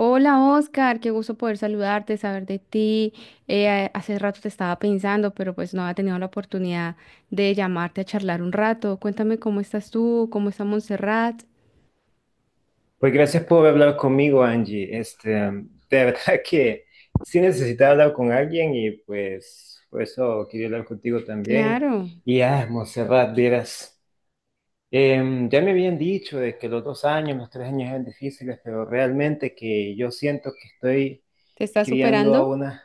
Hola Oscar, qué gusto poder saludarte, saber de ti. Hace rato te estaba pensando, pero pues no había tenido la oportunidad de llamarte a charlar un rato. Cuéntame cómo estás tú, cómo está Montserrat. Pues gracias por hablar conmigo, Angie. De verdad que sí necesitaba hablar con alguien y pues por eso quería hablar contigo también. Claro, Y Montserrat, vieras, ya me habían dicho de que los 2 años, los 3 años eran difíciles, pero realmente que yo siento que estoy te estás criando a superando. una...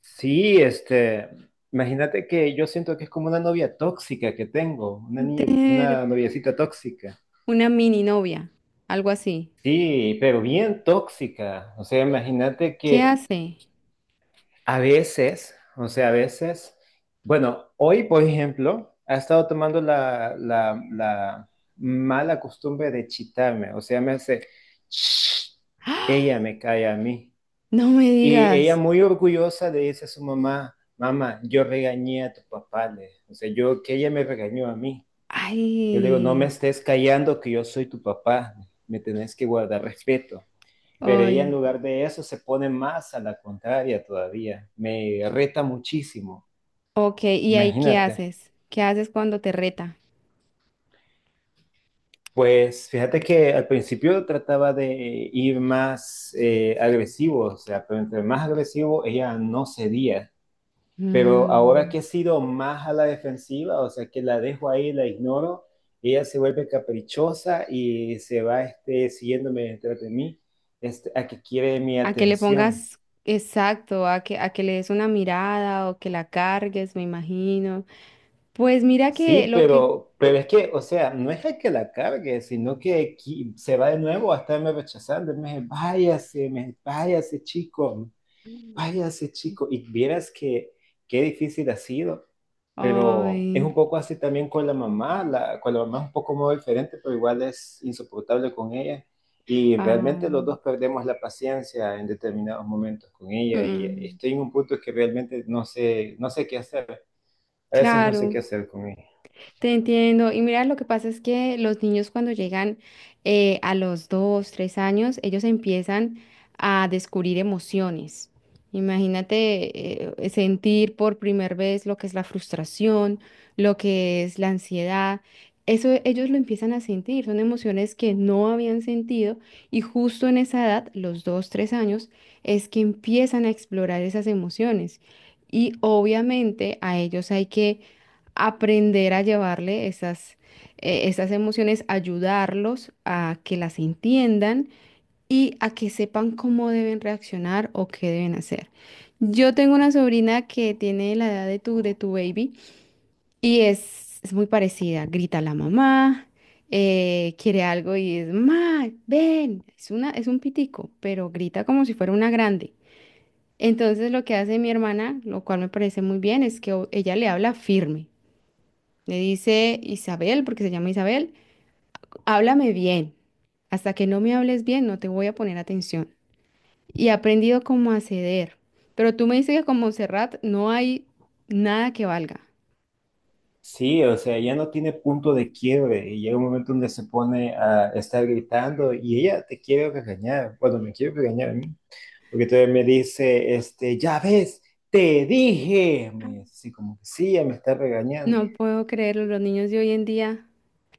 Sí, imagínate que yo siento que es como una novia tóxica que tengo, una niña, Ter- una noviecita tóxica. una mini novia, algo así. Sí, pero bien tóxica. O sea, imagínate ¿Qué que hace? a veces, o sea, a veces, bueno, hoy, por ejemplo, ha estado tomando la mala costumbre de chitarme. O sea, me hace, "Shh", ella ¡Ah! me cae a mí. No me Y ella digas. muy orgullosa le dice a su mamá, mamá, yo regañé a tu papá. O sea, yo, que ella me regañó a mí. Yo le digo, no me Ay, estés callando que yo soy tu papá. Me tenés que guardar respeto. Pero ella en ay. lugar de eso se pone más a la contraria todavía. Me reta muchísimo. Ok, ¿y ahí qué Imagínate. haces? ¿Qué haces cuando te reta? Pues fíjate que al principio trataba de ir más agresivo, o sea, pero entre más agresivo ella no cedía. Pero ahora que he Mm. sido más a la defensiva, o sea, que la dejo ahí, la ignoro, ella se vuelve caprichosa y se va siguiéndome detrás de mí, a que quiere mi A que le atención. pongas exacto, a que le des una mirada o que la cargues, me imagino. Pues mira que Sí, lo que... pero es que, o sea, no es el que la cargue, sino que se va de nuevo a estarme rechazando. Y me dice, váyase, váyase, chico, váyase, chico. Y vieras que qué difícil ha sido, pero es un Ay, poco así también con la mamá. Con la mamá es un poco más diferente, pero igual es insoportable con ella. Y realmente ah, los dos perdemos la paciencia en determinados momentos con mm, ella. Y mm, estoy en un punto que realmente no sé qué hacer. A veces no sé qué claro. hacer con ella. Te entiendo. Y mira, lo que pasa es que los niños cuando llegan a los 2, 3 años, ellos empiezan a descubrir emociones. Imagínate sentir por primera vez lo que es la frustración, lo que es la ansiedad. Eso ellos lo empiezan a sentir, son emociones que no habían sentido y justo en esa edad, los 2, 3 años, es que empiezan a explorar esas emociones. Y obviamente a ellos hay que aprender a llevarle esas, esas emociones, ayudarlos a que las entiendan y a que sepan cómo deben reaccionar o qué deben hacer. Yo tengo una sobrina que tiene la edad de tu baby y es muy parecida. Grita a la mamá, quiere algo y es, ma, ven, es una, es un pitico, pero grita como si fuera una grande. Entonces lo que hace mi hermana, lo cual me parece muy bien, es que ella le habla firme. Le dice Isabel, porque se llama Isabel, háblame bien. Hasta que no me hables bien, no te voy a poner atención. Y he aprendido como a ceder. Pero tú me dices que con Montserrat no hay nada que valga. Sí, o sea, ya no tiene punto de quiebre y llega un momento donde se pone a estar gritando y ella te quiere regañar, bueno, me quiere regañar a mí, porque todavía me dice, ya ves, te dije, me dice así como que sí, ya me está regañando. No puedo creerlo, los niños de hoy en día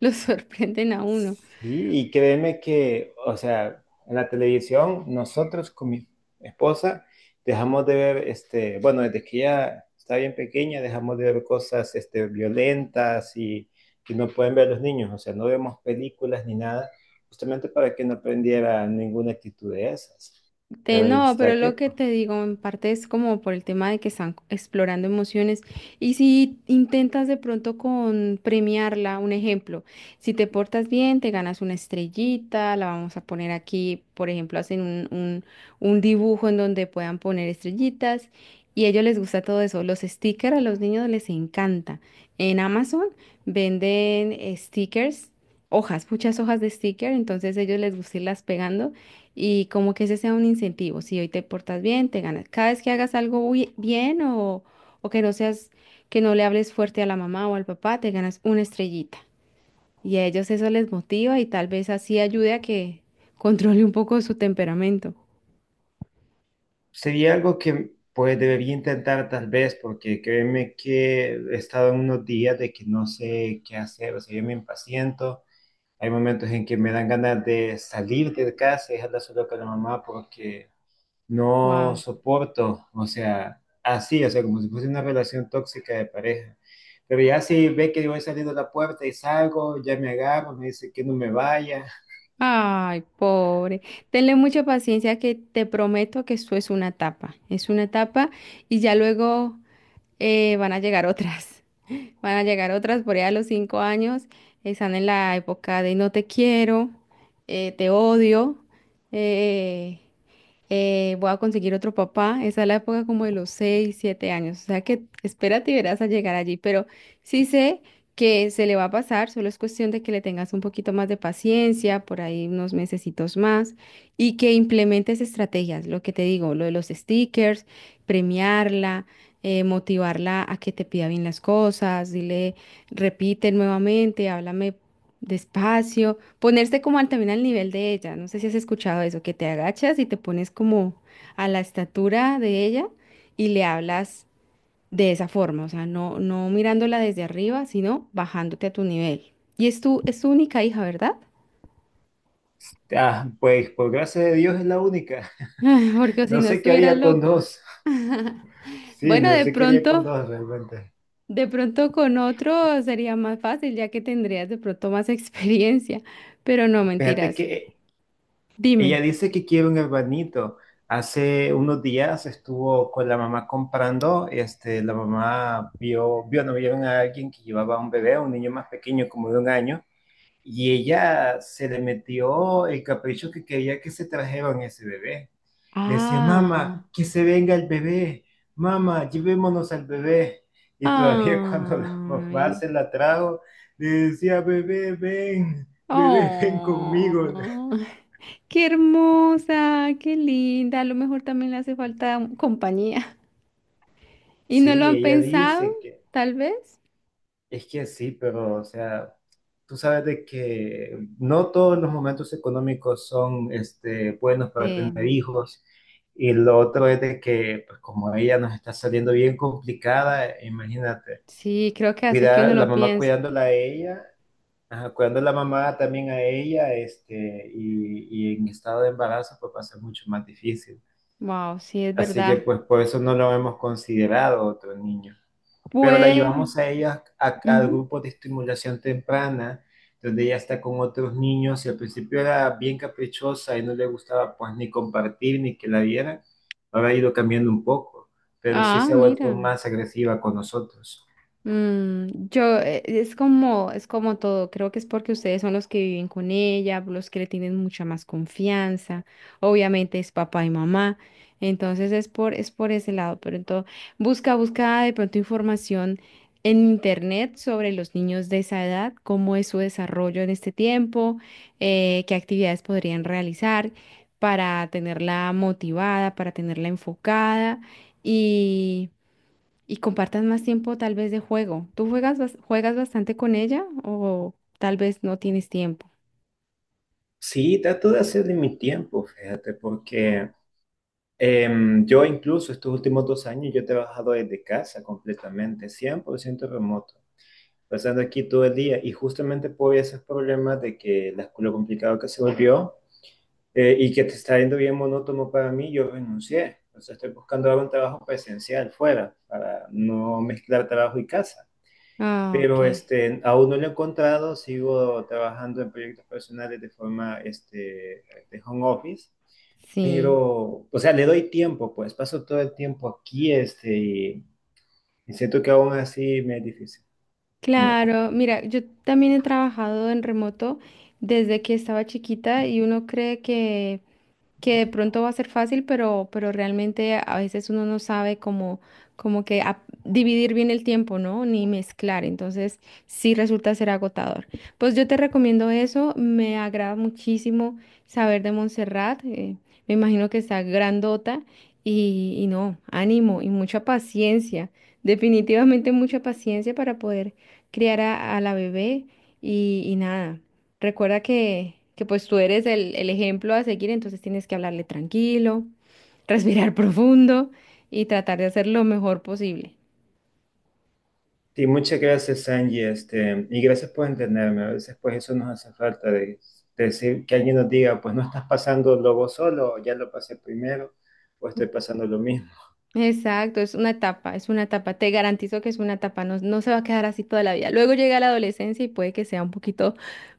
los sorprenden a uno. Sí, y créeme que, o sea, en la televisión nosotros con mi esposa dejamos de ver, bueno, desde que ella está bien pequeña, dejamos de ver cosas, violentas y que no pueden ver los niños, o sea, no vemos películas ni nada, justamente para que no aprendiera ninguna actitud de esas. Pero ahí No, pero está que lo que pues, te digo en parte es como por el tema de que están explorando emociones y si intentas de pronto con premiarla, un ejemplo, si te portas bien, te ganas una estrellita, la vamos a poner aquí, por ejemplo, hacen un dibujo en donde puedan poner estrellitas y a ellos les gusta todo eso. Los stickers a los niños les encanta. En Amazon venden stickers. Hojas, muchas hojas de sticker, entonces a ellos les gusta irlas pegando y como que ese sea un incentivo. Si hoy te portas bien, te ganas. Cada vez que hagas algo bien o que no seas, que no le hables fuerte a la mamá o al papá, te ganas una estrellita. Y a ellos eso les motiva y tal vez así ayude a que controle un poco su temperamento. sería algo que pues debería intentar tal vez, porque créeme que he estado en unos días de que no sé qué hacer, o sea, yo me impaciento. Hay momentos en que me dan ganas de salir de casa y dejarla solo con la mamá porque no Wow. soporto, o sea, así, o sea, como si fuese una relación tóxica de pareja. Pero ya si ve que voy saliendo a la puerta y salgo, ya me agarro, me dice que no me vaya. Ay, pobre. Tenle mucha paciencia que te prometo que esto es una etapa. Es una etapa y ya luego van a llegar otras. Van a llegar otras por allá a los 5 años. Están en la época de no te quiero, te odio. eh, Voy a conseguir otro papá. Esa es la época como de los 6, 7 años. O sea que espérate y verás a llegar allí. Pero sí sé que se le va a pasar, solo es cuestión de que le tengas un poquito más de paciencia, por ahí unos mesecitos más, y que implementes estrategias, lo que te digo, lo de los stickers, premiarla. Motivarla a que te pida bien las cosas, dile, repite nuevamente, háblame despacio, ponerse como al, también al nivel de ella. No sé si has escuchado eso, que te agachas y te pones como a la estatura de ella y le hablas de esa forma, o sea, no, no mirándola desde arriba, sino bajándote a tu nivel. Y es tu única hija, ¿verdad? Ah, pues por gracia de Dios es la única. Porque si No no sé qué estuvieras haría con loco. dos. Sí, Bueno, no de sé qué haría con pronto, dos realmente. de pronto con otro sería más fácil, ya que tendrías de pronto más experiencia. Pero no, Fíjate mentiras. que Dime. ella dice que quiere un hermanito. Hace unos días estuvo con la mamá comprando, la mamá no vieron a alguien que llevaba un bebé, un niño más pequeño, como de 1 año, y ella se le metió el capricho que quería que se trajeran ese bebé. Le decía, Ah. mamá, que se venga el bebé, mamá, llevémonos al bebé. Y todavía cuando la mamá Ay, se la trajo, le decía, bebé, ven conmigo. oh, qué hermosa, qué linda. A lo mejor también le hace falta compañía. ¿Y no lo Sí, han ella pensado, dice que tal vez? es que sí, pero o sea, tú sabes de que no todos los momentos económicos son buenos para tener Sí, hijos. Y lo otro es de que, pues como ella nos está saliendo bien complicada, imagínate, sí, creo que hace que uno cuidar, la lo mamá piense. cuidándola a ella, ajá, cuidando a la mamá también a ella, y en estado de embarazo, pues va a ser mucho más difícil. Wow, sí, es Así que verdad. pues por eso no lo hemos considerado otro niño. Pero la Puede. llevamos a ella al Ujú. grupo de estimulación temprana, donde ella está con otros niños y al principio era bien caprichosa y no le gustaba pues ni compartir ni que la vieran. Ahora ha ido cambiando un poco, pero sí Ah, se ha mira. vuelto más agresiva con nosotros. Mm, yo, es como todo, creo que es porque ustedes son los que viven con ella, los que le tienen mucha más confianza, obviamente es papá y mamá, entonces es por ese lado, pero entonces busca, busca de pronto información en internet sobre los niños de esa edad, cómo es su desarrollo en este tiempo, qué actividades podrían realizar para tenerla motivada, para tenerla enfocada y compartan más tiempo tal vez de juego. ¿Tú juegas, juegas bastante con ella o tal vez no tienes tiempo? Sí, trato de hacer de mi tiempo, fíjate, porque yo incluso estos últimos 2 años yo he trabajado desde casa completamente, 100% remoto, pasando aquí todo el día. Y justamente por esos problemas de que la, lo complicado que se volvió y que te está yendo bien monótono para mí, yo renuncié. O sea, estoy buscando ahora un trabajo presencial fuera para no mezclar trabajo y casa. Ah, Pero ok. Aún no lo he encontrado, sigo trabajando en proyectos personales de forma de home office. Sí, Pero, o sea, le doy tiempo, pues paso todo el tiempo aquí y siento que aún así me es difícil. claro. Mira, yo también he trabajado en remoto desde que estaba chiquita y uno cree que de pronto va a ser fácil, pero realmente a veces uno no sabe cómo, como que dividir bien el tiempo, ¿no? Ni mezclar, entonces sí resulta ser agotador. Pues yo te recomiendo eso, me agrada muchísimo saber de Montserrat, me imagino que está grandota y no, ánimo y mucha paciencia, definitivamente mucha paciencia para poder criar a la bebé y nada. Recuerda que pues tú eres el ejemplo a seguir, entonces tienes que hablarle tranquilo, respirar profundo y tratar de hacer lo mejor posible. Sí, muchas gracias, Angie, y gracias por entenderme. A veces, pues, eso nos hace falta de decir que alguien nos diga, pues, no estás pasando vos solo, ya lo pasé primero, o estoy pasando lo mismo. Exacto, es una etapa, es una etapa. Te garantizo que es una etapa, no, no se va a quedar así toda la vida. Luego llega la adolescencia y puede que sea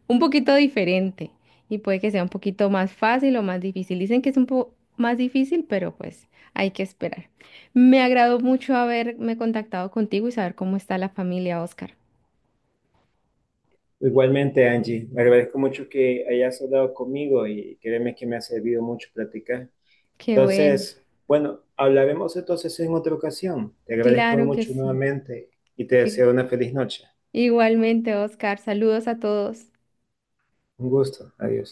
un poquito diferente y puede que sea un poquito más fácil o más difícil. Dicen que es un poco más difícil, pero pues hay que esperar. Me agradó mucho haberme contactado contigo y saber cómo está la familia, Oscar. Igualmente, Angie, me agradezco mucho que hayas hablado conmigo y créeme que me ha servido mucho platicar. Qué bueno. Entonces, bueno, hablaremos entonces en otra ocasión. Te agradezco Claro que mucho sí. nuevamente y te Que- deseo una feliz noche. Igualmente, Oscar, saludos a todos. Un gusto. Adiós.